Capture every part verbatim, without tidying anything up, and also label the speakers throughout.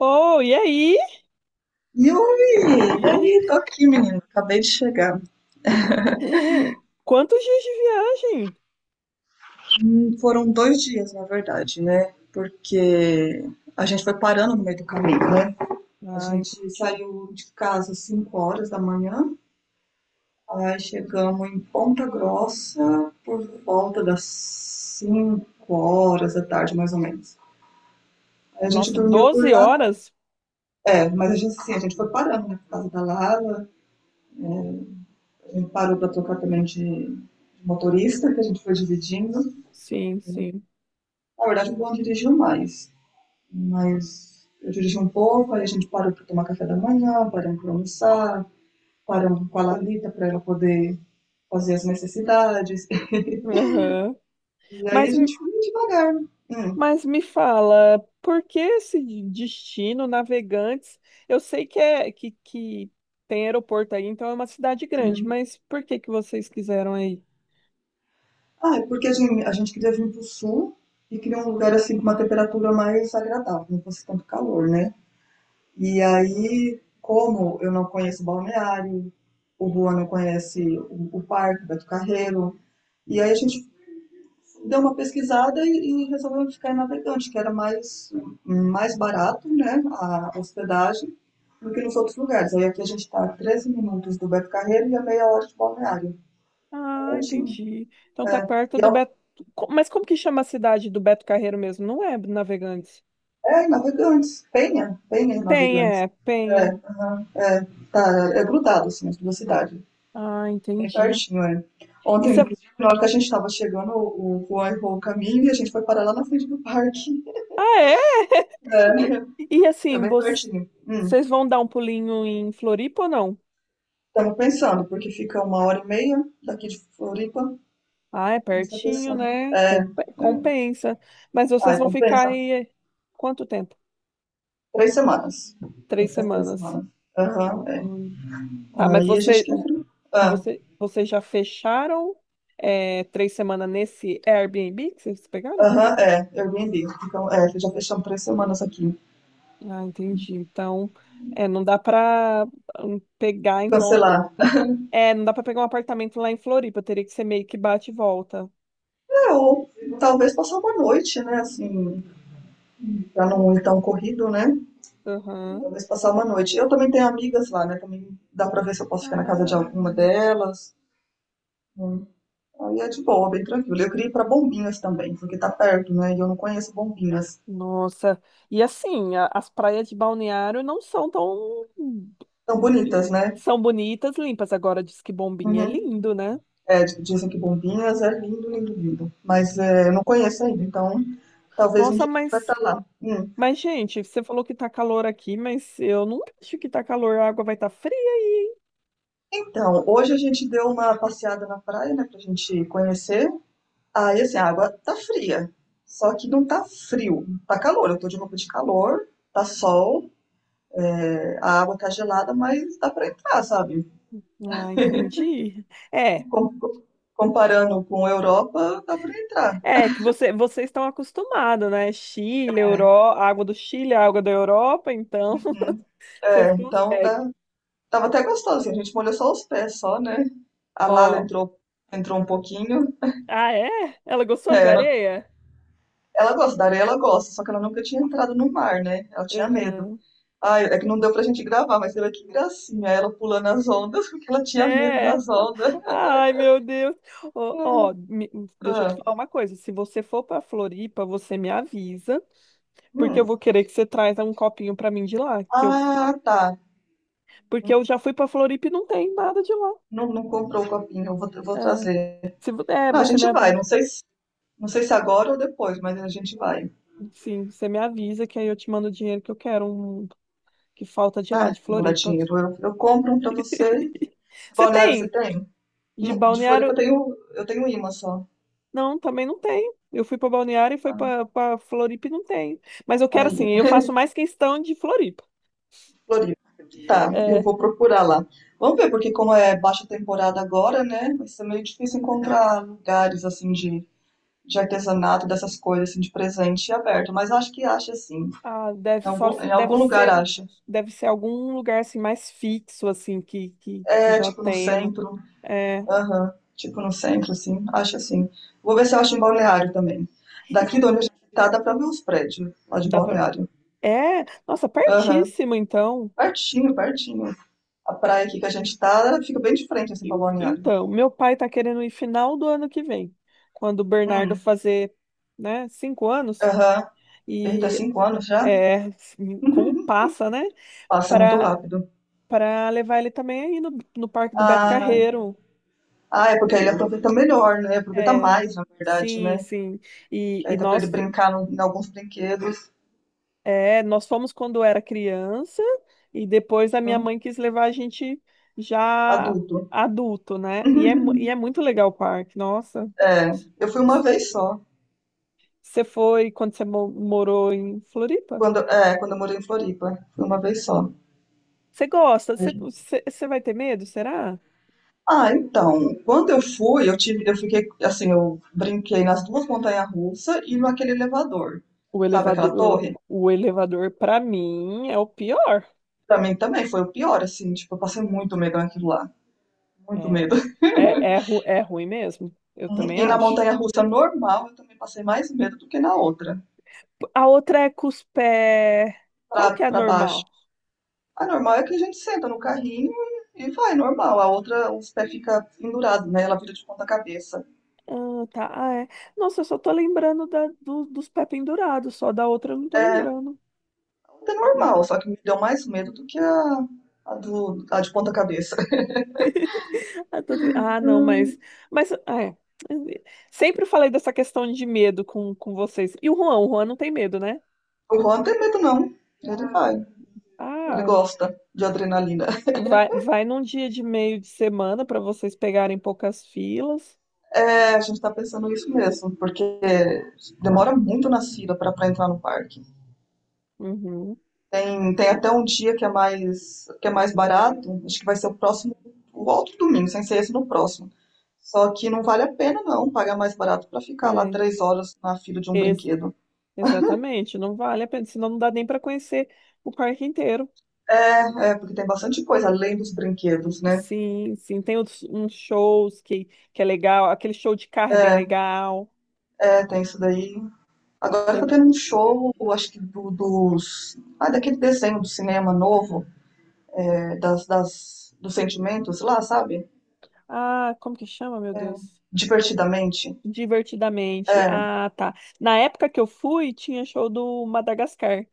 Speaker 1: Oh, e aí?
Speaker 2: Yuri, e aí, tô aqui, menino. Acabei de chegar.
Speaker 1: Quantos dias de viagem?
Speaker 2: Hum, Foram dois dias, na verdade, né? Porque a gente foi parando no meio do caminho, né? A
Speaker 1: Ai,
Speaker 2: gente saiu de casa às cinco horas da manhã, aí chegamos em Ponta Grossa por volta das cinco horas da tarde, mais ou menos. Aí a gente
Speaker 1: nossa,
Speaker 2: dormiu por
Speaker 1: doze
Speaker 2: lá.
Speaker 1: horas?
Speaker 2: É, mas a gente, assim, a gente foi parando na casa da Lara, a gente parou pra trocar também de de motorista, que a gente foi dividindo.
Speaker 1: Sim, sim.
Speaker 2: Na verdade, eu não dirigiu mais, mas eu dirigi um pouco, aí a gente parou para tomar café da manhã, paramos para almoçar, paramos com a Lalita para ela poder fazer as necessidades.
Speaker 1: Aham.
Speaker 2: E aí a
Speaker 1: Mas, me-
Speaker 2: gente foi devagar. Hum.
Speaker 1: mas me fala, por que esse de- destino, Navegantes? Eu sei que é que, que tem aeroporto aí, então é uma cidade grande,
Speaker 2: Uhum.
Speaker 1: mas por que que vocês quiseram aí?
Speaker 2: Ah, é porque a gente, a gente queria vir para o sul e queria um lugar assim com uma temperatura mais agradável, não fosse tanto calor, né? E aí, como eu não conheço o balneário, o Juan não conhece o, o parque, o Beto Carreiro, e aí a gente deu uma pesquisada e, e resolveu ficar em Navegante, que era mais, mais barato, né, a hospedagem do que nos outros lugares. Aí aqui a gente está a treze minutos do Beto Carreiro e a meia hora de balneário. Tá
Speaker 1: Ah,
Speaker 2: pertinho.
Speaker 1: entendi. Então tá
Speaker 2: É.
Speaker 1: perto
Speaker 2: E
Speaker 1: do
Speaker 2: ao-
Speaker 1: Beto. Co- Mas como que chama a cidade do Beto Carreiro mesmo? Não é Navegantes.
Speaker 2: é, Navegantes, Penha, Penha em
Speaker 1: Penha,
Speaker 2: Navegantes.
Speaker 1: é,
Speaker 2: É,
Speaker 1: Penha.
Speaker 2: aham, é, tá, é grudado, assim, as duas cidades,
Speaker 1: Ah,
Speaker 2: bem
Speaker 1: entendi.
Speaker 2: pertinho, é. Ontem,
Speaker 1: Isso é...
Speaker 2: inclusive, na hora que a gente estava chegando, o o Juan errou o caminho e a gente foi parar lá na frente do parque,
Speaker 1: Ah, é?
Speaker 2: é
Speaker 1: E
Speaker 2: é
Speaker 1: assim,
Speaker 2: bem
Speaker 1: voc-
Speaker 2: pertinho. Hum.
Speaker 1: vocês vão dar um pulinho em Floripa ou não?
Speaker 2: Estamos pensando, porque fica uma hora e meia daqui de Floripa.
Speaker 1: Ah, é
Speaker 2: A gente está
Speaker 1: pertinho,
Speaker 2: pensando.
Speaker 1: né? Com-
Speaker 2: É,
Speaker 1: Compensa. Mas vocês
Speaker 2: ai,
Speaker 1: vão ficar
Speaker 2: compensa?
Speaker 1: aí eh, quanto tempo?
Speaker 2: Três semanas. Vamos
Speaker 1: Três
Speaker 2: ficar três
Speaker 1: semanas.
Speaker 2: semanas. Aham, é.
Speaker 1: Uhum. Tá, mas
Speaker 2: Aí a gente
Speaker 1: você,
Speaker 2: quer. Ah,
Speaker 1: você, vocês já fecharam é, três semanas nesse Airbnb que vocês pegaram?
Speaker 2: aham, é. Eu entendi. Então, é, já fechamos três semanas aqui.
Speaker 1: Ah, entendi. Então, é, não dá para pegar, então, apar-
Speaker 2: Cancelar.
Speaker 1: hum, é, não dá para pegar um apartamento lá em Floripa, teria que ser meio que bate e volta.
Speaker 2: É, ou talvez passar uma noite, né? Assim, pra não ir tão corrido, né?
Speaker 1: Aham.
Speaker 2: Talvez passar uma noite. Eu também tenho amigas lá, né? Também dá pra ver se eu posso ficar na casa de
Speaker 1: Ah,
Speaker 2: alguma delas. Aí é de boa, bem tranquilo. Eu queria ir pra Bombinhas também, porque tá perto, né? E eu não conheço Bombinhas.
Speaker 1: nossa. E assim, a- as praias de Balneário não são tão.
Speaker 2: Tão bonitas, né?
Speaker 1: São bonitas, limpas. Agora diz que Bombinha é
Speaker 2: Uhum.
Speaker 1: lindo, né?
Speaker 2: É, di- dizem que Bombinhas é lindo, lindo, lindo. Mas é, eu não conheço ainda, então talvez um
Speaker 1: Nossa,
Speaker 2: dia a gente vai
Speaker 1: mas
Speaker 2: pra lá. Hum.
Speaker 1: Mas, gente, você falou que tá calor aqui, mas eu não acho que tá calor. A água vai estar fria aí,
Speaker 2: Então, hoje a gente deu uma passeada na praia, né? Pra gente conhecer. Aí, assim, a água tá fria. Só que não tá frio. Tá calor, eu tô de roupa de calor, tá sol, é, a água tá gelada, mas dá pra entrar, sabe?
Speaker 1: hein? Ah, entendi. É,
Speaker 2: com- comparando com a Europa, dá pra entrar.
Speaker 1: é que você, vocês estão acostumados, né? Chile, Euro...
Speaker 2: É.
Speaker 1: a água do Chile, a água da Europa, então
Speaker 2: Uhum.
Speaker 1: vocês
Speaker 2: É, então
Speaker 1: conseguem.
Speaker 2: tá, tava até gostosinho. A gente molhou só os pés, só, né? A Lala
Speaker 1: Ó,
Speaker 2: entrou, entrou um pouquinho.
Speaker 1: ah, é? Ela gostou
Speaker 2: É,
Speaker 1: de
Speaker 2: ela,
Speaker 1: areia?
Speaker 2: ela gosta, da areia ela gosta, só que ela nunca tinha entrado no mar, né? Ela tinha medo.
Speaker 1: Aham.
Speaker 2: Ai, é que não deu pra gente gravar, mas você vê que gracinha ela pulando as ondas, porque ela tinha medo
Speaker 1: É.
Speaker 2: das ondas.
Speaker 1: Ai, meu Deus. Ó,
Speaker 2: É.
Speaker 1: ó, me- deixa eu te
Speaker 2: Ah,
Speaker 1: falar uma coisa. Se você for pra Floripa, você me avisa, porque eu
Speaker 2: hum.
Speaker 1: vou querer que você traz um copinho pra mim de lá, que eu,
Speaker 2: Ah, tá.
Speaker 1: porque eu já fui pra Floripa e não tem nada de lá.
Speaker 2: Não, não comprou o copinho, eu vou, eu
Speaker 1: É,
Speaker 2: vou trazer.
Speaker 1: se, vo- é,
Speaker 2: Não, a
Speaker 1: você
Speaker 2: gente
Speaker 1: me
Speaker 2: vai,
Speaker 1: avisa,
Speaker 2: não sei se, não sei se agora ou depois, mas a gente vai.
Speaker 1: sim, você me avisa que aí eu te mando o dinheiro que eu quero, um que falta de lá,
Speaker 2: Ah,
Speaker 1: de
Speaker 2: mandar
Speaker 1: Floripa.
Speaker 2: dinheiro. Eu, eu compro um pra você. De
Speaker 1: Você
Speaker 2: Balneário você
Speaker 1: tem
Speaker 2: tem?
Speaker 1: de
Speaker 2: No- De Floripa eu
Speaker 1: Balneário?
Speaker 2: tenho, eu tenho imã só.
Speaker 1: Não, também não tem. Eu fui para Balneário e foi
Speaker 2: Ah,
Speaker 1: para para Floripa e não tem. Mas eu quero assim,
Speaker 2: aí,
Speaker 1: eu faço mais questão de Floripa.
Speaker 2: Floripa. Tá, eu
Speaker 1: É,
Speaker 2: vou procurar lá. Vamos ver, porque como é baixa temporada agora, né? Vai ser meio difícil encontrar lugares assim de, de artesanato, dessas coisas assim, de presente aberto. Mas acho que acha sim.
Speaker 1: ah, deve
Speaker 2: Em
Speaker 1: só
Speaker 2: algum, em algum
Speaker 1: deve
Speaker 2: lugar
Speaker 1: ser
Speaker 2: acha.
Speaker 1: deve ser algum lugar assim mais fixo assim que que, que
Speaker 2: É
Speaker 1: já
Speaker 2: tipo no
Speaker 1: tenha. Né?
Speaker 2: centro.
Speaker 1: É,
Speaker 2: Aham. Tipo no centro, assim. Acho assim. Vou ver se eu acho em Balneário também. Daqui de onde a gente tá, dá pra ver os prédios lá de
Speaker 1: dá para
Speaker 2: Balneário.
Speaker 1: É, nossa,
Speaker 2: Aham.
Speaker 1: pertíssimo então.
Speaker 2: Pertinho, pertinho. A praia aqui que a gente tá ela fica bem de frente, assim, pra
Speaker 1: E-
Speaker 2: Balneário.
Speaker 1: Então, meu pai tá querendo ir final do ano que vem, quando o Bernardo
Speaker 2: Hum.
Speaker 1: fazer, né, cinco anos.
Speaker 2: Aham. Eita,
Speaker 1: E
Speaker 2: cinco anos já?
Speaker 1: é, assim, como passa, né?
Speaker 2: Passa muito
Speaker 1: Para
Speaker 2: rápido.
Speaker 1: Para levar ele também aí no, no Parque do Beto
Speaker 2: Ah,
Speaker 1: Carreiro.
Speaker 2: ah, é porque aí ele aproveita melhor, né? Aproveita
Speaker 1: É,
Speaker 2: mais, na verdade,
Speaker 1: sim,
Speaker 2: né?
Speaker 1: sim. E,
Speaker 2: Que
Speaker 1: e
Speaker 2: aí dá pra ele
Speaker 1: nós,
Speaker 2: brincar no- em alguns brinquedos.
Speaker 1: é, nós fomos quando era criança e depois a minha
Speaker 2: Uhum.
Speaker 1: mãe quis levar a gente já
Speaker 2: Adulto.
Speaker 1: adulto, né? E é, mu- e é muito legal o parque, nossa.
Speaker 2: É, eu fui uma vez só.
Speaker 1: Você foi quando você mo- morou em Floripa?
Speaker 2: Quando, é, quando eu morei em Floripa. Fui uma vez só.
Speaker 1: Você gosta? Você, você, você vai ter medo, será?
Speaker 2: Ah, então, quando eu fui, eu tive, eu fiquei assim, eu brinquei nas duas montanhas-russas e naquele elevador,
Speaker 1: O
Speaker 2: sabe aquela torre?
Speaker 1: elevador, o elevador para mim é o pior.
Speaker 2: Pra mim também foi o pior, assim, tipo, eu passei muito medo naquilo lá,
Speaker 1: É,
Speaker 2: muito medo.
Speaker 1: é, é, ru- é ruim mesmo, eu
Speaker 2: Uhum.
Speaker 1: também
Speaker 2: E na
Speaker 1: acho.
Speaker 2: montanha-russa normal, eu também passei mais medo do que na outra,
Speaker 1: A outra é cuspé. Qual
Speaker 2: pra,
Speaker 1: que é a
Speaker 2: pra baixo.
Speaker 1: normal?
Speaker 2: A normal é que a gente senta no carrinho e e vai, normal. A outra, os pés ficam pendurados, né? Ela vira de ponta cabeça.
Speaker 1: Ah, tá. Ah, é. Nossa, eu só tô lembrando da, do- dos pé pendurados, só da outra eu não tô
Speaker 2: É,
Speaker 1: lembrando.
Speaker 2: a outra é normal, só que me deu mais medo do que a, a, do, a de ponta cabeça.
Speaker 1: Ah, tô tri- ah, não, mas. Mas, ah, é. Sempre falei dessa questão de medo com, com vocês. E o Juan? O Juan não tem medo, né?
Speaker 2: O Juan não tem medo, não. Ele vai. Ele
Speaker 1: Ah,
Speaker 2: gosta de adrenalina.
Speaker 1: vai, vai num dia de meio de semana para vocês pegarem poucas filas.
Speaker 2: É, a gente tá pensando isso mesmo, porque demora muito na fila pra pra entrar no parque.
Speaker 1: Uhum.
Speaker 2: Hum, Tem até um dia que é mais que é mais barato. Acho que vai ser o próximo, o outro domingo, sem ser esse no próximo. Só que não vale a pena não pagar mais barato pra ficar lá
Speaker 1: Ai,
Speaker 2: três horas na fila de um brinquedo.
Speaker 1: exatamente, não vale a pena, senão não dá nem para conhecer o parque inteiro.
Speaker 2: É, é, porque tem bastante coisa além dos brinquedos, né?
Speaker 1: Sim, sim, tem outros- uns shows que, que é legal, aquele show de carro é bem legal.
Speaker 2: É, tem isso daí. Agora tá
Speaker 1: Tem,
Speaker 2: tendo um show, acho que do, dos. Ah, daquele desenho do cinema novo, é, das, das, dos sentimentos lá, sabe?
Speaker 1: ah, como que chama, meu Deus?
Speaker 2: Divertidamente.
Speaker 1: Divertidamente.
Speaker 2: É.
Speaker 1: Ah, tá. Na época que eu fui, tinha show do Madagascar.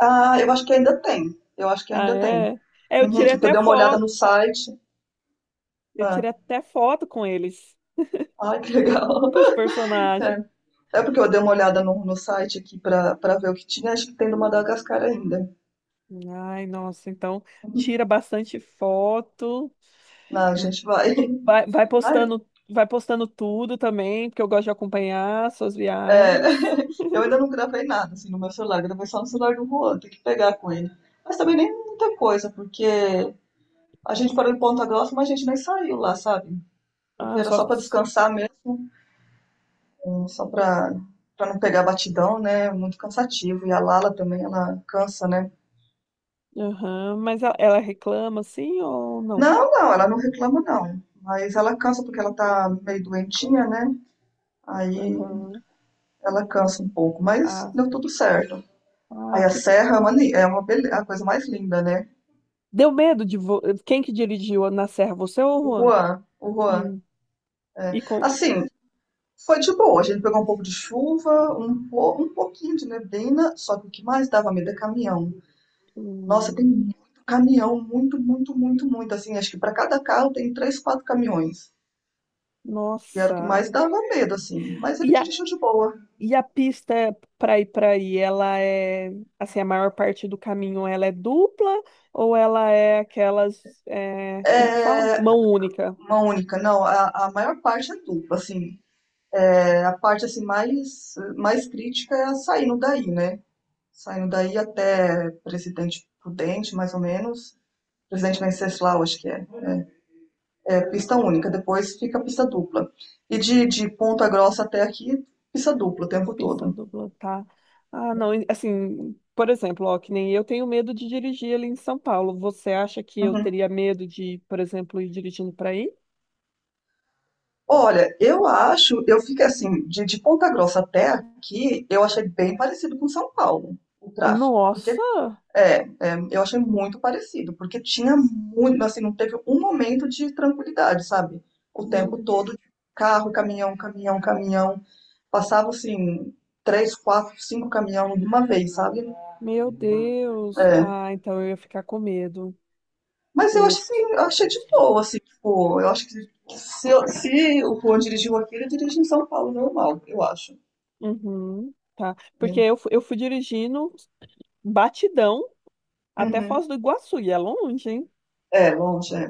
Speaker 2: Ah, eu acho que ainda tem. Eu acho que
Speaker 1: Ah,
Speaker 2: ainda tem.
Speaker 1: é? É, eu
Speaker 2: Uhum,
Speaker 1: tirei
Speaker 2: porque eu
Speaker 1: até
Speaker 2: dei uma olhada
Speaker 1: foto,
Speaker 2: no site.
Speaker 1: eu
Speaker 2: Ah,
Speaker 1: tirei até foto com eles,
Speaker 2: ai, que legal.
Speaker 1: com os personagens.
Speaker 2: É, é porque eu dei uma olhada no, no site aqui pra, pra ver o que tinha. Acho que tem do Madagascar ainda.
Speaker 1: Ai, nossa, então tira bastante foto.
Speaker 2: Ah, a gente vai.
Speaker 1: Vai, vai
Speaker 2: Ai,
Speaker 1: postando, vai postando tudo também, porque eu gosto de acompanhar suas
Speaker 2: é,
Speaker 1: viagens.
Speaker 2: eu ainda não gravei nada assim no meu celular, gravei só no celular do Juan, tem que pegar com ele. Mas também nem muita coisa, porque a gente parou em Ponta Grossa, mas a gente nem saiu lá, sabe? Porque
Speaker 1: Ah,
Speaker 2: era
Speaker 1: só.
Speaker 2: só pra descansar mesmo, eh, só pra para não pegar batidão, né? Muito cansativo. E a Lala também, ela cansa, né?
Speaker 1: Aham, mas ela, ela reclama assim ou não?
Speaker 2: Não, não, ela não reclama não, mas ela cansa porque ela tá meio doentinha, né? Aí
Speaker 1: Aham.
Speaker 2: ela cansa um pouco, mas
Speaker 1: Ah,
Speaker 2: deu tudo certo.
Speaker 1: ah,
Speaker 2: Aí a
Speaker 1: que.
Speaker 2: serra é uma, ni- é uma bele- a coisa mais linda, né?
Speaker 1: Deu medo de. Vo- Quem que dirigiu na Serra? Você ou
Speaker 2: O
Speaker 1: o Juan?
Speaker 2: Juan, o Juan.
Speaker 1: Hum.
Speaker 2: é.
Speaker 1: E com.
Speaker 2: Assim, foi de boa. A gente pegou um pouco de chuva, um, po- um pouquinho de neblina, só que o que mais dava medo é caminhão. Nossa, tem
Speaker 1: Hum.
Speaker 2: muito caminhão, muito, muito, muito, muito. Assim, acho que para cada carro tem três, quatro caminhões. E era o que
Speaker 1: Nossa.
Speaker 2: mais dava medo, assim. Mas
Speaker 1: E
Speaker 2: ele dirigiu de boa.
Speaker 1: E a pista para ir para aí, ela é assim, a maior parte do caminho ela é dupla ou ela é aquelas, é, como que
Speaker 2: É
Speaker 1: fala? Mão única.
Speaker 2: uma única, não. A, a maior parte é dupla, assim. É, a parte assim mais mais crítica é a saindo daí, né? Saindo daí até Presidente Prudente, mais ou menos. Presidente Venceslau, acho que é. É pista única, depois fica pista dupla. E de, de Ponta Grossa até aqui, pista dupla o tempo
Speaker 1: Pista
Speaker 2: todo.
Speaker 1: dupla, tá? Ah, não, e, assim, por exemplo, ó, que nem eu tenho medo de dirigir ali em São Paulo. Você acha que eu
Speaker 2: Uhum.
Speaker 1: teria medo de, por exemplo, ir dirigindo para aí?
Speaker 2: Olha, eu acho, eu fico assim, de, de Ponta Grossa até aqui, eu achei bem parecido com São Paulo, o tráfego. Porque
Speaker 1: Nossa,
Speaker 2: é, é, eu achei muito parecido, porque tinha muito, assim, não teve um momento de tranquilidade, sabe? O
Speaker 1: meu,
Speaker 2: tempo todo, carro, caminhão, caminhão, caminhão. Passava assim, três, quatro, cinco caminhão de uma vez, sabe?
Speaker 1: meu Deus.
Speaker 2: É,
Speaker 1: Ah, então eu ia ficar com medo.
Speaker 2: mas
Speaker 1: Eu
Speaker 2: eu acho
Speaker 1: ia...
Speaker 2: assim, eu achei de boa, assim, tipo, eu acho que se, eu- se o Juan dirigiu aqui, ele dirige em São Paulo normal, eu acho.
Speaker 1: Uhum, tá. Porque
Speaker 2: Né?
Speaker 1: eu, fu- eu fui dirigindo. Batidão até
Speaker 2: Uhum.
Speaker 1: Foz do Iguaçu, e é longe, hein?
Speaker 2: É, longe, é.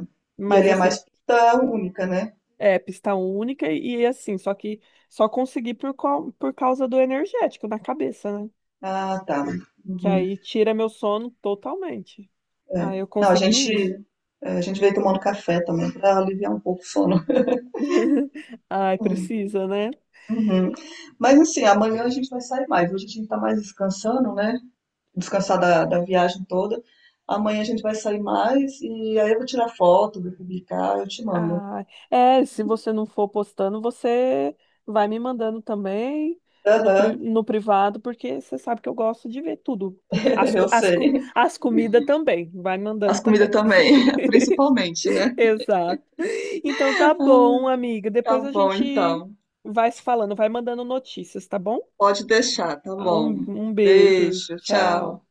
Speaker 2: E
Speaker 1: Mas
Speaker 2: ali é mais
Speaker 1: assim,
Speaker 2: pista única, né?
Speaker 1: é pista única e, e assim, só que só consegui por, cau- por causa do energético na cabeça, né?
Speaker 2: Ah, tá.
Speaker 1: Que
Speaker 2: Uhum,
Speaker 1: aí tira meu sono totalmente. Ah,
Speaker 2: é.
Speaker 1: eu
Speaker 2: Não, a gente,
Speaker 1: consegui ir.
Speaker 2: é, a gente veio tomando café também para aliviar um pouco o sono.
Speaker 1: Ai,
Speaker 2: É.
Speaker 1: precisa, né?
Speaker 2: Uhum. Mas assim, amanhã a gente vai sair mais. Hoje a gente tá mais descansando, né? Descansar da, da viagem toda. Amanhã a gente vai sair mais e aí eu vou tirar foto, vou publicar, eu te mando.
Speaker 1: Ah, é, se você não for postando, você vai me mandando também no, pri-
Speaker 2: Aham,
Speaker 1: no privado, porque você sabe que eu gosto de ver tudo. As, co-
Speaker 2: eu
Speaker 1: as, co-
Speaker 2: sei.
Speaker 1: As comidas também, vai mandando
Speaker 2: As comidas
Speaker 1: também.
Speaker 2: também, principalmente, né?
Speaker 1: Exato. Então tá bom, amiga.
Speaker 2: Tá
Speaker 1: Depois a
Speaker 2: bom,
Speaker 1: gente
Speaker 2: então.
Speaker 1: vai se falando, vai mandando notícias, tá bom?
Speaker 2: Pode deixar, tá
Speaker 1: Um,
Speaker 2: bom.
Speaker 1: um beijo,
Speaker 2: Beijo, tchau.
Speaker 1: tchau.